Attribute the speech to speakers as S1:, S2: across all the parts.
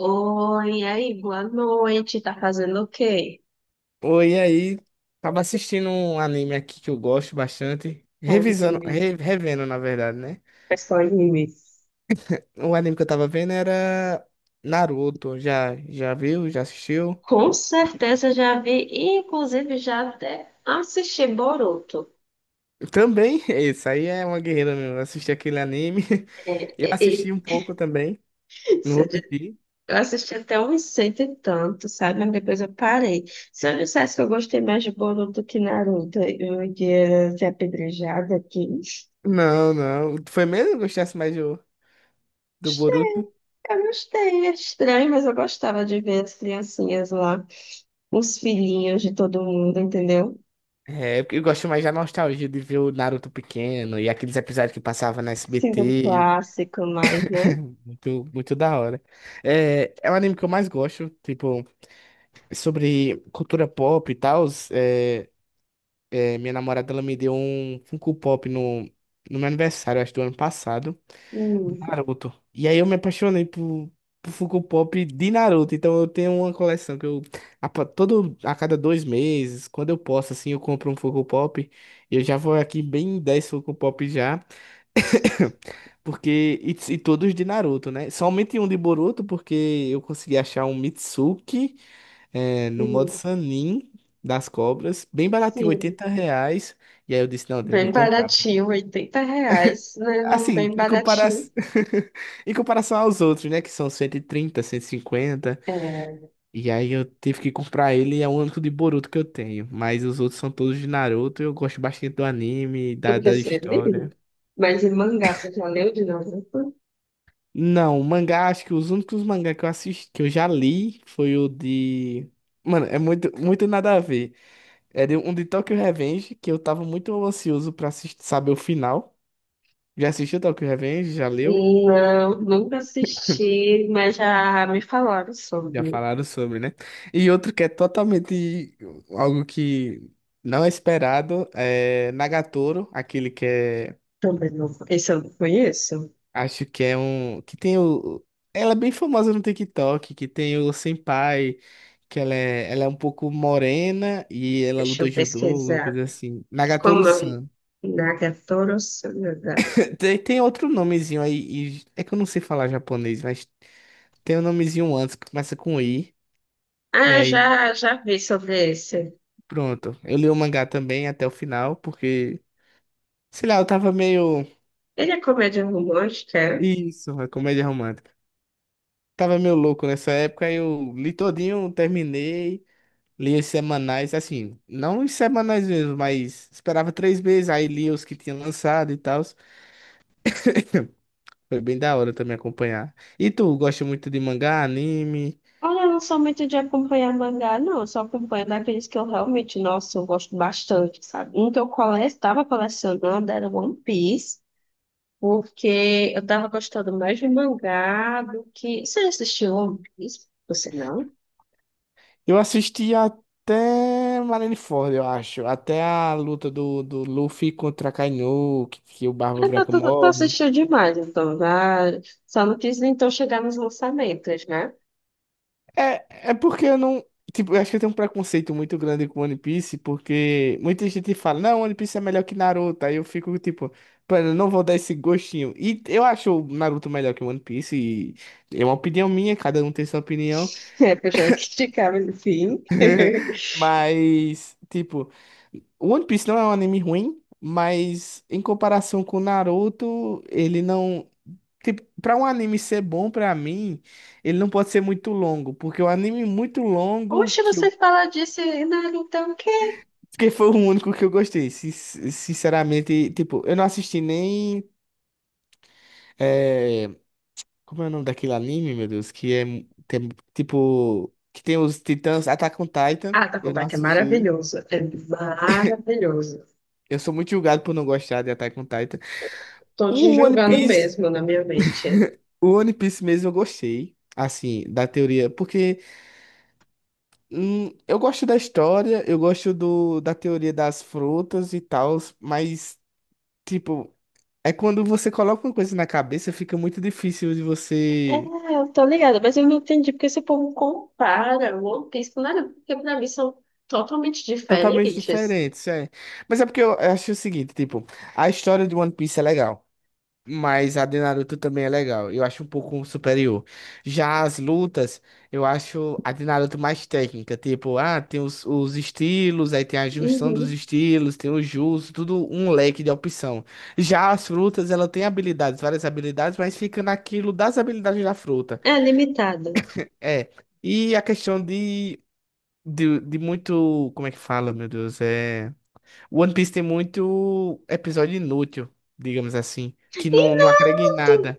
S1: Oi, e aí, boa noite. Tá fazendo o quê?
S2: Oi, e aí? Tava assistindo um anime aqui que eu gosto bastante.
S1: Com
S2: Revisando,
S1: anime.
S2: revendo, na verdade, né?
S1: Mas com anime.
S2: O anime que eu tava vendo era Naruto. Já viu? Já assistiu?
S1: Com certeza já vi, e inclusive já até assisti Boruto.
S2: Também, isso aí é uma guerreira mesmo. Eu assisti aquele anime. Eu
S1: E- e-
S2: assisti um pouco também. Não
S1: se Eu
S2: vou
S1: di-
S2: mentir.
S1: eu assisti até uns cento e tanto, sabe? Mas depois eu parei. Se eu dissesse que eu gostei mais de Boruto do que Naruto, eu ia ser apedrejada aqui.
S2: Não, não. Foi mesmo que eu gostasse mais do
S1: Gostei,
S2: Boruto?
S1: eu gostei. É estranho, mas eu gostava de ver as criancinhas lá, os filhinhos de todo mundo, entendeu?
S2: É, porque eu gosto mais da nostalgia de ver o Naruto pequeno e aqueles episódios que passava na
S1: Síndrome
S2: SBT.
S1: clássico mais, né?
S2: Muito, muito da hora. É um anime que eu mais gosto, tipo, sobre cultura pop e tal. É, minha namorada, ela me deu um Funko Pop no meu aniversário, acho, do ano passado, do
S1: Hum,
S2: Naruto. E aí eu me apaixonei por Funko Pop de Naruto. Então eu tenho uma coleção que eu, a cada 2 meses, quando eu posso, assim, eu compro um Funko Pop. Eu já vou aqui bem em 10 Funko Pop já. Porque. E todos de Naruto, né? Somente um de Boruto, porque eu consegui achar um Mitsuki no modo
S1: hum,
S2: Sanin das cobras, bem baratinho,
S1: sim.
S2: R$ 80. E aí eu disse, não, tenho que
S1: Bem
S2: comprar.
S1: baratinho, R$ 80, né? Não,
S2: Assim,
S1: bem
S2: em
S1: baratinho.
S2: comparação, em comparação aos outros, né? Que são 130, 150. E 50.
S1: É,
S2: E aí eu tive que comprar ele, e é o único de Boruto que eu tenho. Mas os outros são todos de Naruto, eu gosto bastante do anime, da,
S1: eu
S2: da
S1: pensei
S2: história.
S1: dele. Mas em mangá, você já leu de novo?
S2: Não, mangá, acho que os únicos mangá que eu assisti, que eu já li foi o de. Mano, é muito, muito nada a ver. É um de Tokyo Revenge, que eu tava muito ansioso pra assistir, saber o final. Já assistiu Tokyo Revenge? Já leu?
S1: Não, nunca assisti, mas já me falaram
S2: Já
S1: sobre.
S2: falaram sobre, né? E outro que é totalmente algo que não é esperado é Nagatoro, aquele que é.
S1: Também não. Esse eu não conheço.
S2: Acho que é um. Que tem o. Ela é bem famosa no TikTok, que tem o Senpai, que ela é um pouco morena e ela
S1: Deixa
S2: luta
S1: eu
S2: judô, alguma
S1: pesquisar.
S2: coisa assim.
S1: Como é o
S2: Nagatoru-san.
S1: Nagatoro Sanada?
S2: Tem outro nomezinho aí, é que eu não sei falar japonês, mas tem um nomezinho antes que começa com I. E
S1: Ah,
S2: aí,
S1: já vi sobre esse.
S2: pronto. Eu li o mangá também até o final, porque, sei lá, eu tava meio.
S1: Ele é comédia romântica?
S2: Isso, é comédia romântica. Tava meio louco nessa época, aí eu li todinho, terminei. Lia os semanais, assim, não os semanais mesmo, mas esperava 3 meses, aí lia os que tinha lançado e tal. Foi bem da hora também acompanhar. E tu, gosta muito de mangá, anime?
S1: Olha, eu não sou muito de acompanhar mangá, não. Eu só acompanho daqueles que eu realmente, nossa, eu gosto bastante, sabe? Um que eu estava colecionando era One Piece, porque eu tava gostando mais de mangá do que... Você já assistiu One Piece? Você não?
S2: Eu assisti até Marineford, eu acho. Até a luta do Luffy contra Kaino, que o Barba
S1: Eu tô,
S2: Branca
S1: tô, tô
S2: morre.
S1: assistindo demais, então. Já... Só não quis, então, chegar nos lançamentos, né?
S2: É porque eu não. Tipo, eu acho que eu tenho um preconceito muito grande com One Piece, porque muita gente fala, não, One Piece é melhor que Naruto. Aí eu fico tipo, mano, eu não vou dar esse gostinho. E eu acho o Naruto melhor que One Piece, e é uma opinião minha, cada um tem sua opinião.
S1: É, porque eu já esticava no fim.
S2: Mas, tipo, One Piece não é um anime ruim, mas em comparação com Naruto, ele não. Tipo, pra um anime ser bom pra mim, ele não pode ser muito longo, porque o anime muito longo
S1: Oxe,
S2: que
S1: você
S2: eu.
S1: fala disso, e Naruto, o quê?
S2: Porque foi o único que eu gostei. Sinceramente, tipo, eu não assisti nem. eh, Como é o nome daquele anime, meu Deus? Que é. Tipo. Que tem os Titãs. Attack on Titan.
S1: Ah, tá com
S2: Eu não
S1: vontade, é
S2: assisti.
S1: maravilhoso. É maravilhoso.
S2: Eu sou muito julgado por não gostar de Attack on Titan.
S1: Tô te
S2: O One
S1: julgando
S2: Piece.
S1: mesmo na minha mente.
S2: O One Piece mesmo eu gostei. Assim, da teoria. Porque eu gosto da história, eu gosto da teoria das frutas e tal. Mas, tipo. É quando você coloca uma coisa na cabeça, fica muito difícil de
S1: É,
S2: você.
S1: eu tô ligada, mas eu não entendi porque esse povo compara o One Piece com nada, porque pra mim são totalmente
S2: Totalmente
S1: diferentes.
S2: diferente, isso é. Mas é porque eu acho o seguinte, tipo, a história de One Piece é legal, mas a de Naruto também é legal. Eu acho um pouco superior. Já as lutas, eu acho a de Naruto mais técnica, tipo, ah, tem os estilos, aí tem a junção dos
S1: Uhum.
S2: estilos, tem o jutsu, tudo um leque de opção. Já as frutas, ela tem habilidades, várias habilidades, mas fica naquilo das habilidades da fruta.
S1: É limitado.
S2: É, e a questão de muito. Como é que fala, meu Deus? É. One Piece tem muito episódio inútil, digamos assim, que
S1: E
S2: não, não agrega em
S1: Naruto?
S2: nada.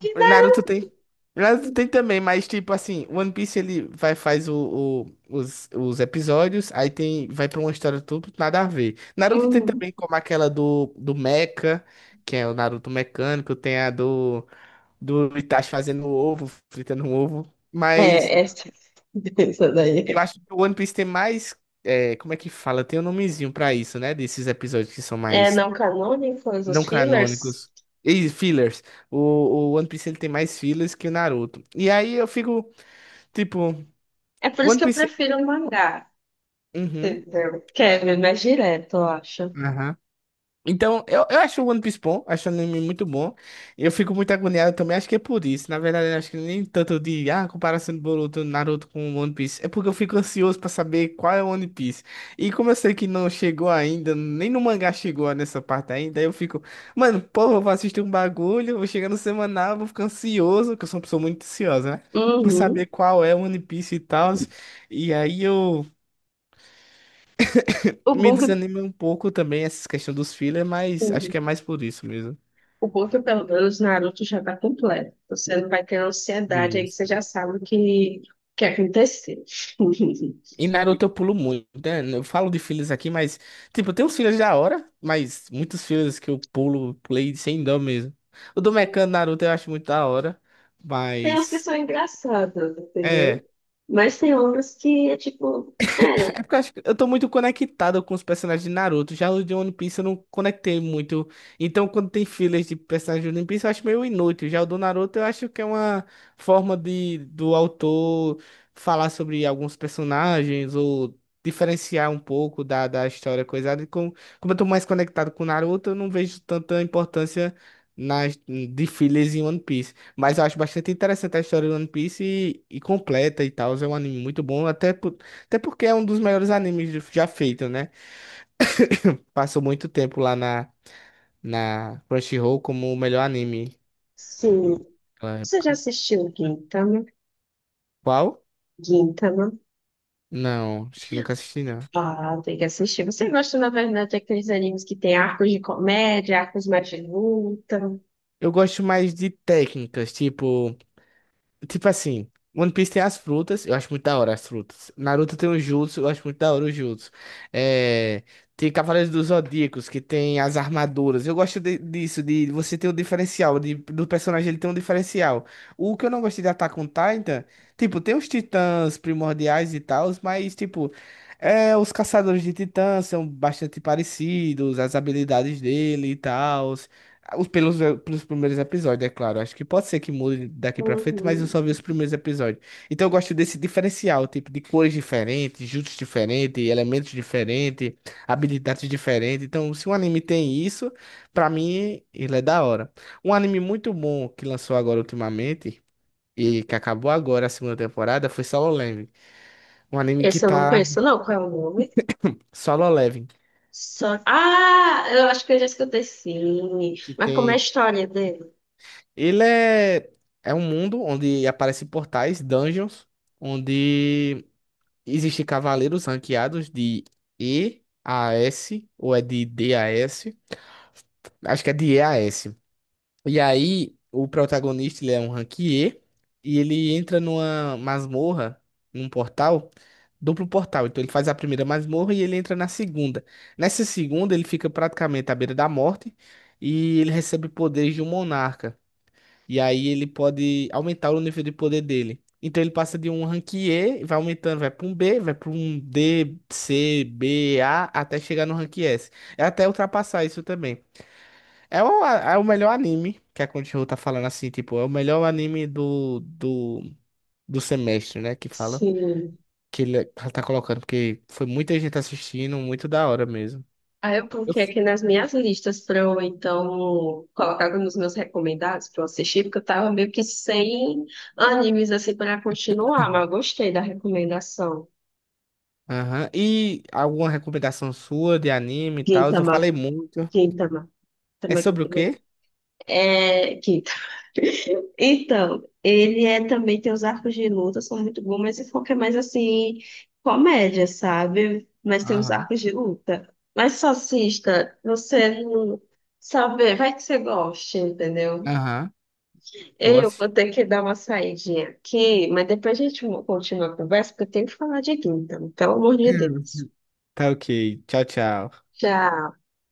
S1: Que
S2: Naruto tem. Naruto tem também, mas tipo assim, One Piece ele vai faz os episódios, aí tem vai pra uma história tudo nada a ver. Naruto tem
S1: Uhum.
S2: também como aquela do Mecha, que é o Naruto mecânico, tem a do Itachi fazendo ovo, fritando um ovo, mas.
S1: É, essa, essa
S2: Eu
S1: daí.
S2: acho que o One Piece tem mais. Como é que fala? Tem um nomezinho pra isso, né? Desses episódios que são
S1: É
S2: mais
S1: não canônicos, os
S2: não
S1: fillers.
S2: canônicos. E fillers. O One Piece ele tem mais fillers que o Naruto. E aí eu fico, tipo,
S1: É por isso
S2: One
S1: que eu
S2: Piece.
S1: prefiro o mangá,
S2: Uhum.
S1: entendeu? Que é mais direto, eu acho.
S2: Aham. Então, eu acho o One Piece bom, acho o anime muito bom. Eu fico muito agoniado também, acho que é por isso. Na verdade, eu acho que nem tanto de, comparação do Boruto, Naruto com o One Piece. É porque eu fico ansioso pra saber qual é o One Piece. E como eu sei que não chegou ainda, nem no mangá chegou nessa parte ainda, eu fico, mano, pô, eu vou assistir um bagulho, vou chegar no semanal, vou ficar ansioso, que eu sou uma pessoa muito ansiosa, né? Pra saber
S1: Uhum.
S2: qual é o One Piece e tal. E aí eu
S1: O
S2: me
S1: bom é que,
S2: desanimo um pouco também essa questão dos fillers, mas acho
S1: assim,
S2: que é mais por isso mesmo.
S1: O bom é que pelo menos Naruto já tá completo. Você não vai ter ansiedade aí que você
S2: Isso.
S1: já sabe o que, que aconteceu.
S2: E Naruto eu pulo muito, né? Eu falo de filhos aqui, mas, tipo, tem uns filhos da hora, mas muitos filhos que eu pulo, pulei sem dó mesmo. O do Mecano Naruto eu acho muito da hora,
S1: Tem umas que
S2: mas.
S1: são engraçadas,
S2: É.
S1: entendeu? Mas tem outras que é tipo, é,
S2: É porque eu acho que eu tô muito conectado com os personagens de Naruto. Já os de One Piece eu não conectei muito. Então, quando tem filas de personagens de One Piece, eu acho meio inútil. Já o do Naruto, eu acho que é uma forma de do autor falar sobre alguns personagens ou diferenciar um pouco da história coisada. Como eu tô mais conectado com o Naruto, eu não vejo tanta importância nas de filas em One Piece. Mas eu acho bastante interessante a história do One Piece e completa e tal. É um anime muito bom, até porque é um dos melhores animes já feito, né? Passou muito tempo lá na Crunchyroll como o melhor anime
S1: sim.
S2: daquela
S1: Você já
S2: época.
S1: assistiu Gintama?
S2: Qual?
S1: Gintama?
S2: Não, acho que nunca assisti, não.
S1: Ah, tem que assistir. Você gosta, na verdade, daqueles animes que tem arcos de comédia, arcos mais de luta?
S2: Eu gosto mais de técnicas, tipo. Tipo assim, One Piece tem as frutas, eu acho muito da hora as frutas. Naruto tem o Jutsu, eu acho muito da hora o Jutsu. É, tem Cavaleiros dos Zodíacos, que tem as armaduras. Eu gosto disso, de você ter um diferencial, do personagem ele ter um diferencial. O que eu não gostei de Attack on Titan, tipo, tem os titãs primordiais e tal, mas, tipo, os caçadores de titãs são bastante parecidos, as habilidades dele e tal. Os- Pelos, pelos primeiros episódios, é claro. Acho que pode ser que mude daqui pra frente, mas eu
S1: Uhum.
S2: só vi os primeiros episódios. Então eu gosto desse diferencial, tipo, de cores diferentes, juntos diferentes, elementos diferentes, habilidades diferentes. Então, se um anime tem isso, pra mim, ele é da hora. Um anime muito bom que lançou agora ultimamente, e que acabou agora a segunda temporada, foi Solo Leveling. Um anime que
S1: Esse eu não
S2: tá.
S1: conheço, não. Qual é o nome?
S2: Solo Leveling.
S1: Só... Ah, eu acho que eu já escutei, sim.
S2: Que
S1: Mas como é a
S2: tem.
S1: história dele?
S2: Ele é um mundo onde aparecem portais, dungeons, onde existem cavaleiros ranqueados de E a S, ou é de D a S, acho que é de E a S. E aí, o protagonista, ele é um rank E, e ele entra numa masmorra, num portal, duplo portal. Então ele faz a primeira masmorra e ele entra na segunda. Nessa segunda, ele fica praticamente à beira da morte, e ele recebe poderes de um monarca. E aí ele pode aumentar o nível de poder dele. Então ele passa de um rank E, vai aumentando, vai para um B, vai para um D, C, B, A, até chegar no rank S. É até ultrapassar isso também. É o melhor anime que a Crunchyroll tá falando assim, tipo, é o melhor anime do semestre, né? Que fala,
S1: Sim.
S2: que ele ela tá colocando, porque foi muita gente assistindo, muito da hora mesmo.
S1: Aí eu
S2: Eu-
S1: coloquei aqui nas minhas listas para eu, então, colocar nos meus recomendados para eu assistir, porque eu tava meio que sem animes, assim, para continuar, mas eu gostei da recomendação.
S2: Aham. E alguma recomendação sua de anime e tal? Eu
S1: Gintama,
S2: falei muito.
S1: Gintama.
S2: É
S1: Também,
S2: sobre o
S1: também.
S2: quê?
S1: É, Gintama. Então, ele é também tem os arcos de luta, são muito bons, mas esse foco é mais assim, comédia, sabe? Mas tem os
S2: Aham.
S1: arcos de luta. Mas só assista, você não sabe, vai que você goste, entendeu?
S2: Aham. Boa.
S1: Eu vou ter que dar uma saidinha aqui, mas depois a gente continua a conversa, porque eu tenho que falar de Gintama, pelo amor de Deus.
S2: Tá ok. Tchau, tchau.
S1: Tchau.